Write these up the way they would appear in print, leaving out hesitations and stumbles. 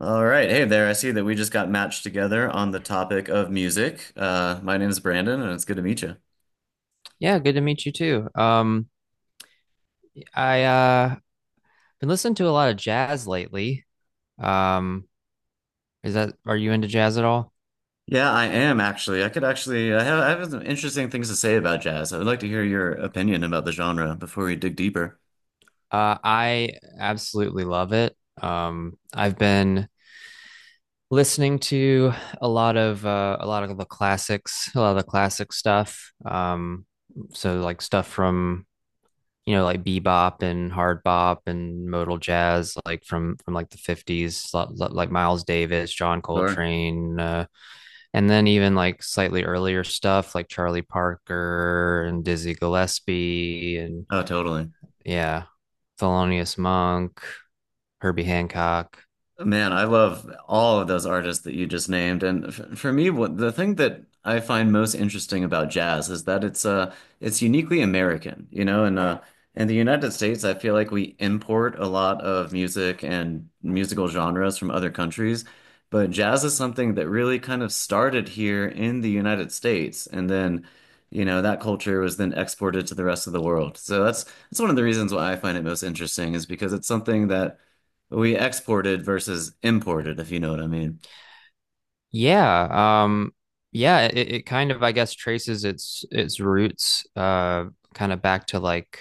All right. Hey there. I see that we just got matched together on the topic of music. My name is Brandon, and it's good to meet you. Yeah, good to meet you too. I been listening to a lot of jazz lately. Um, is that are you into jazz at all? Yeah, I am actually. I could actually, I have some interesting things to say about jazz. I would like to hear your opinion about the genre before we dig deeper. I absolutely love it. I've been listening to a lot of the classics, a lot of the classic stuff. So like stuff from you know like bebop and hard bop and modal jazz, like from like the 50s, like Miles Davis, John Sure. Coltrane, and then even like slightly earlier stuff like Charlie Parker and Dizzy Gillespie and Oh, totally. yeah, Thelonious Monk, Herbie Hancock. Man, I love all of those artists that you just named. And f for me, what the thing that I find most interesting about jazz is that it's uniquely American, you know, and yeah, in the United States, I feel like we import a lot of music and musical genres from other countries, but jazz is something that really kind of started here in the United States, and then, you know, that culture was then exported to the rest of the world. So that's one of the reasons why I find it most interesting is because it's something that we exported versus imported, if you know what I mean. Yeah, um yeah, it kind of I guess traces its roots kind of back to like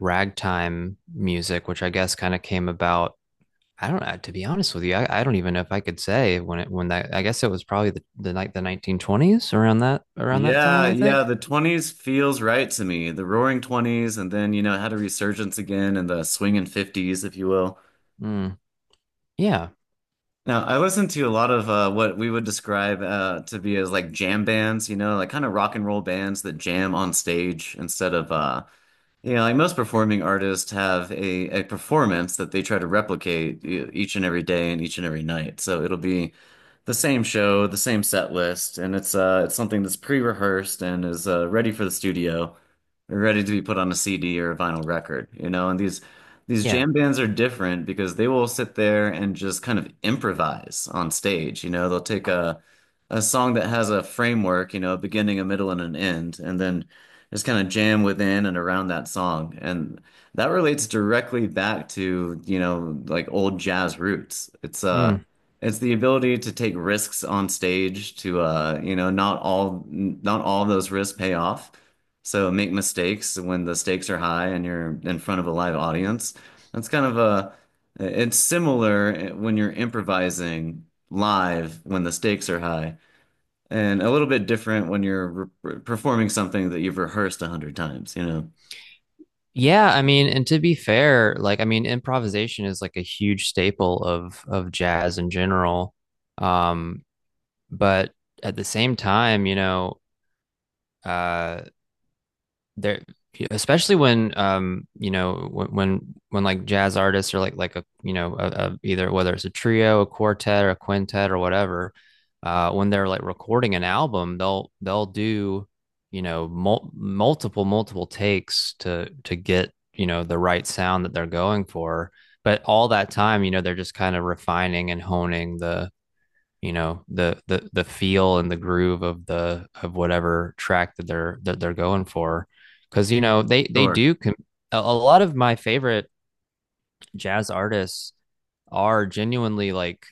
ragtime music, which I guess kind of came about I don't know, to be honest with you, I don't even know if I could say when it when that I guess it was probably the 1920s around that time, Yeah, I yeah, think. the '20s feels right to me. The roaring '20s, and then, you know, it had a resurgence again in the swinging '50s, if you will. Mm, yeah. Now, I listened to a lot of what we would describe to be as like jam bands, you know, like kind of rock and roll bands that jam on stage instead of Yeah, like most performing artists have a performance that they try to replicate each and every day and each and every night. So it'll be the same show, the same set list, and it's something that's pre-rehearsed and is ready for the studio, ready to be put on a CD or a vinyl record, you know. And these Yeah. jam bands are different because they will sit there and just kind of improvise on stage, you know. They'll take a song that has a framework, you know, a beginning, a middle, and an end, and then just kind of jam within and around that song. And that relates directly back to, you know, like old jazz roots. It's Mm. uh it's the ability to take risks on stage to you know, not all of those risks pay off. So make mistakes when the stakes are high and you're in front of a live audience. That's kind of a, it's similar when you're improvising live when the stakes are high, and a little bit different when you're performing something that you've rehearsed 100 times, you know? Yeah, I mean, and to be fair, like I mean, improvisation is like a huge staple of jazz in general. Um, but at the same time, you know, uh there especially when you know when like jazz artists are like a you know a, either whether it's a trio, a quartet, or a quintet or whatever, uh, when they're like recording an album, they'll do you know multiple takes to get you know the right sound that they're going for, but all that time you know they're just kind of refining and honing the you know the feel and the groove of the of whatever track that they're going for, because you know they Sure. do a lot of my favorite jazz artists are genuinely like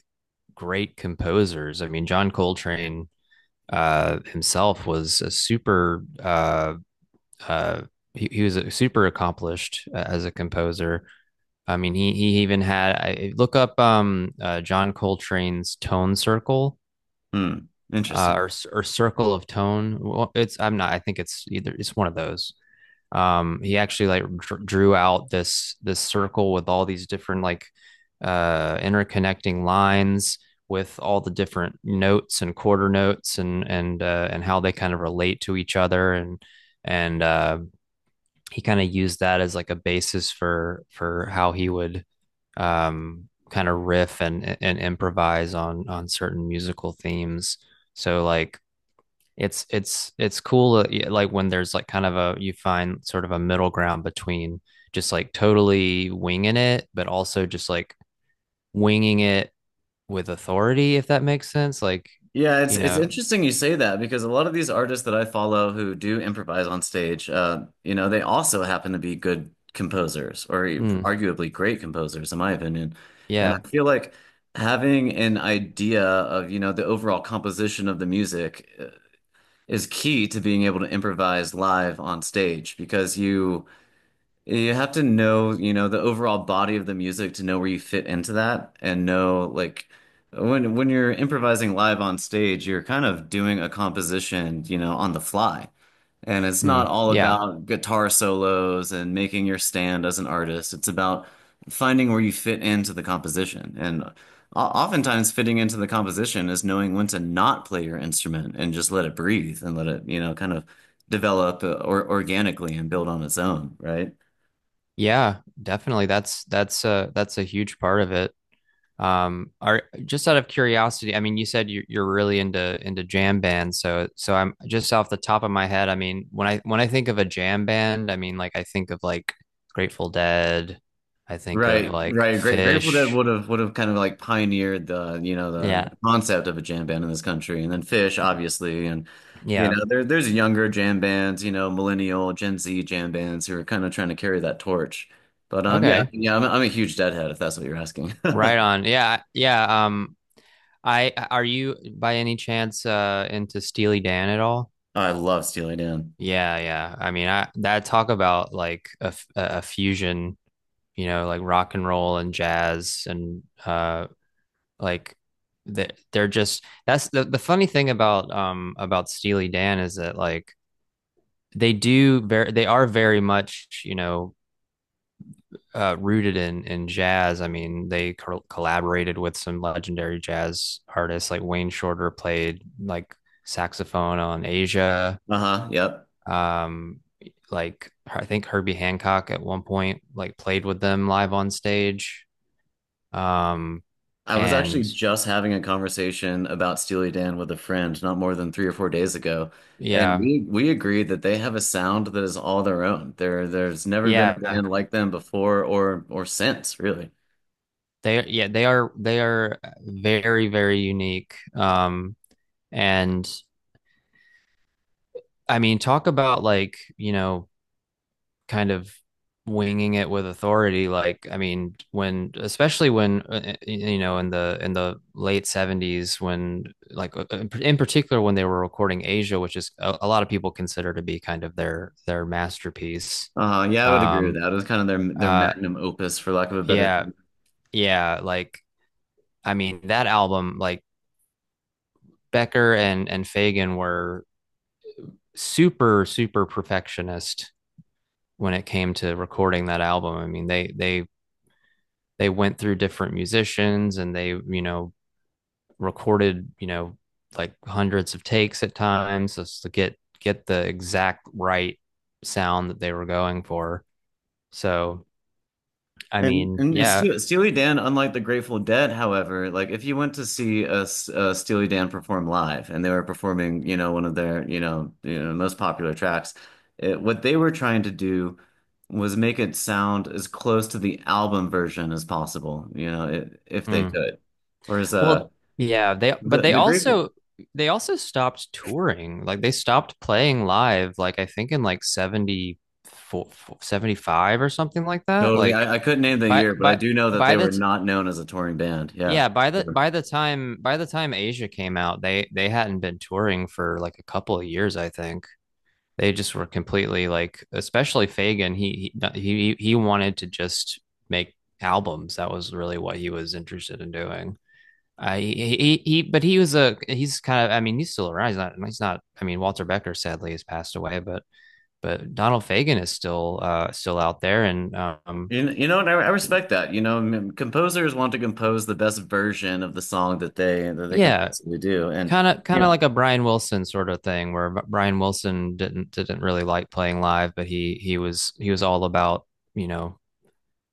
great composers. I mean, John Coltrane himself was a super uh he, was a super accomplished as a composer. I mean, he even had, I look up John Coltrane's tone circle, Hmm. uh, Interesting. or or circle of tone. Well, it's I'm not. I think it's either, it's one of those. He actually like drew out this this circle with all these different like interconnecting lines with all the different notes and quarter notes and and how they kind of relate to each other and and uh, he kind of used that as like a basis for how he would kind of riff and improvise on certain musical themes. So like it's cool, yeah, like when there's like kind of a you find sort of a middle ground between just like totally winging it, but also just like winging it with authority, if that makes sense. Like Yeah, it's you it's know, interesting you say that because a lot of these artists that I follow who do improvise on stage, you know, they also happen to be good composers or mm, arguably great composers, in my opinion. And yeah. I feel like having an idea of, you know, the overall composition of the music is key to being able to improvise live on stage, because you have to know, you know, the overall body of the music to know where you fit into that and know, like, when you're improvising live on stage, you're kind of doing a composition, you know, on the fly. And it's not mm, all yeah about guitar solos and making your stand as an artist. It's about finding where you fit into the composition. And oftentimes fitting into the composition is knowing when to not play your instrument and just let it breathe and let it, you know, kind of develop or organically and build on its own, right? yeah, definitely, that's that's a huge part of it. Are just out of curiosity, I mean, you said you're really into jam bands, so so I'm just off the top of my head. I mean, when I think of a jam band, I mean, like I think of like Grateful Dead, I think of Right, like right. Grateful Dead Fish. would have kind of like pioneered, the you know, the, Yeah, the concept of a jam band in this country, and then Fish, obviously, and you yeah, know, there's younger jam bands, you know, millennial Gen Z jam bands who are kind of trying to carry that torch. But yeah, okay, yeah, I'm a huge Deadhead, if that's what you're asking. right on. Yeah, yeah. I are you by any chance into Steely Dan at all? I love Steely Dan. Yeah, yeah. I mean, I that talk about like a a fusion, you know, like rock and roll and jazz and like they they're just that's the funny thing about Steely Dan is that like they do very they are very much, you know, rooted in jazz. I mean, they collaborated with some legendary jazz artists. Like Wayne Shorter played like saxophone on Asia. Uh-huh. Yep. Um, like I think Herbie Hancock at one point like played with them live on stage. Um, I was actually and just having a conversation about Steely Dan with a friend not more than 3 or 4 days ago, and yeah, we agreed that they have a sound that is all their own. There's never been a yeah, band like them before or since, really. Yeah they are very very unique. And I mean, talk about like you know kind of winging it with authority. Like I mean when especially when you know in the late 70s when in particular when they were recording Asia, which is a lot of people consider to be kind of their masterpiece. Yeah, I would agree with um that. It was kind of their uh magnum opus, for lack of a better yeah term. yeah like I mean, that album, like Becker and Fagan were super perfectionist when it came to recording that album. I mean, they they went through different musicians and they you know recorded you know like hundreds of takes at times just to get the exact right sound that they were going for. So I And mean, and yeah. Steely Dan, unlike the Grateful Dead, however, like if you went to see a Steely Dan perform live, and they were performing, you know, one of their, most popular tracks, what they were trying to do was make it sound as close to the album version as possible, you know, if they Mm. could. Whereas Well, yeah, they but the the Grateful. They also stopped touring. Like they stopped playing live, like I think in like 74 75 or something like that. Totally, Like I couldn't name the by year, but I by do know that by they the were t- not known as a touring band. Yeah. yeah, by the time Asia came out, they hadn't been touring for like a couple of years, I think. They just were completely like especially Fagan, he wanted to just make albums. That was really what he was interested in doing. He but he was a he's kind of, I mean, he's still around. He's not I mean, Walter Becker sadly has passed away, but Donald Fagen is still still out there. And You know, and I he- respect that. You know, I mean, composers want to compose the best version of the song that they can yeah, possibly do. And kind yeah. of like a Brian Wilson sort of thing, where Brian Wilson didn't really like playing live, but he was all about you know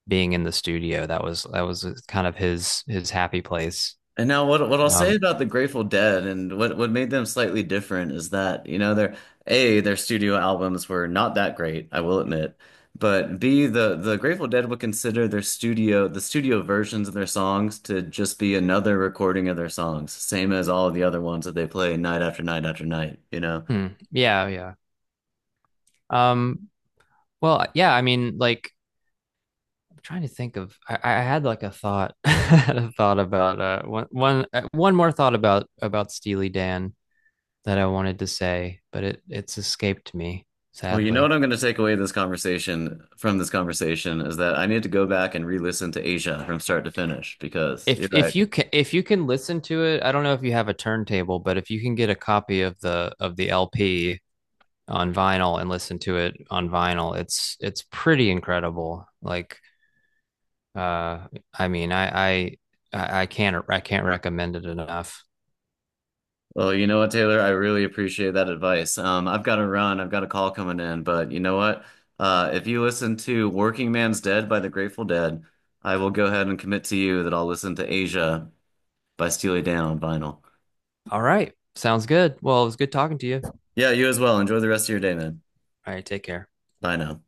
being in the studio. That was that was kind of his happy place. And now what I'll say um about the Grateful Dead, and what made them slightly different, is that, you know, their A, their studio albums were not that great, I will admit. But B, the Grateful Dead would consider the studio versions of their songs to just be another recording of their songs, same as all of the other ones that they play night after night after night, you know. Yeah, yeah. um yeah I mean like I'm trying to think of, I had like a thought I had a thought about one more thought about Steely Dan that I wanted to say, but it it's escaped me, Well, you know what sadly. I'm going to take away this conversation, from this conversation, is that I need to go back and re-listen to Asia from start to finish, because you're right. If you can listen to it, I don't know if you have a turntable, but if you can get a copy of the LP on vinyl and listen to it on vinyl, it's pretty incredible. Like uh I mean, I can't recommend it enough. Well, you know what, Taylor, I really appreciate that advice. I've got to run, I've got a call coming in, but you know what? If you listen to Working Man's Dead by the Grateful Dead, I will go ahead and commit to you that I'll listen to Asia by Steely Dan on vinyl. All right. Sounds good. Well, it was good talking to you. Yeah, you as well. Enjoy the rest of your day, man. All right, take care. Bye now.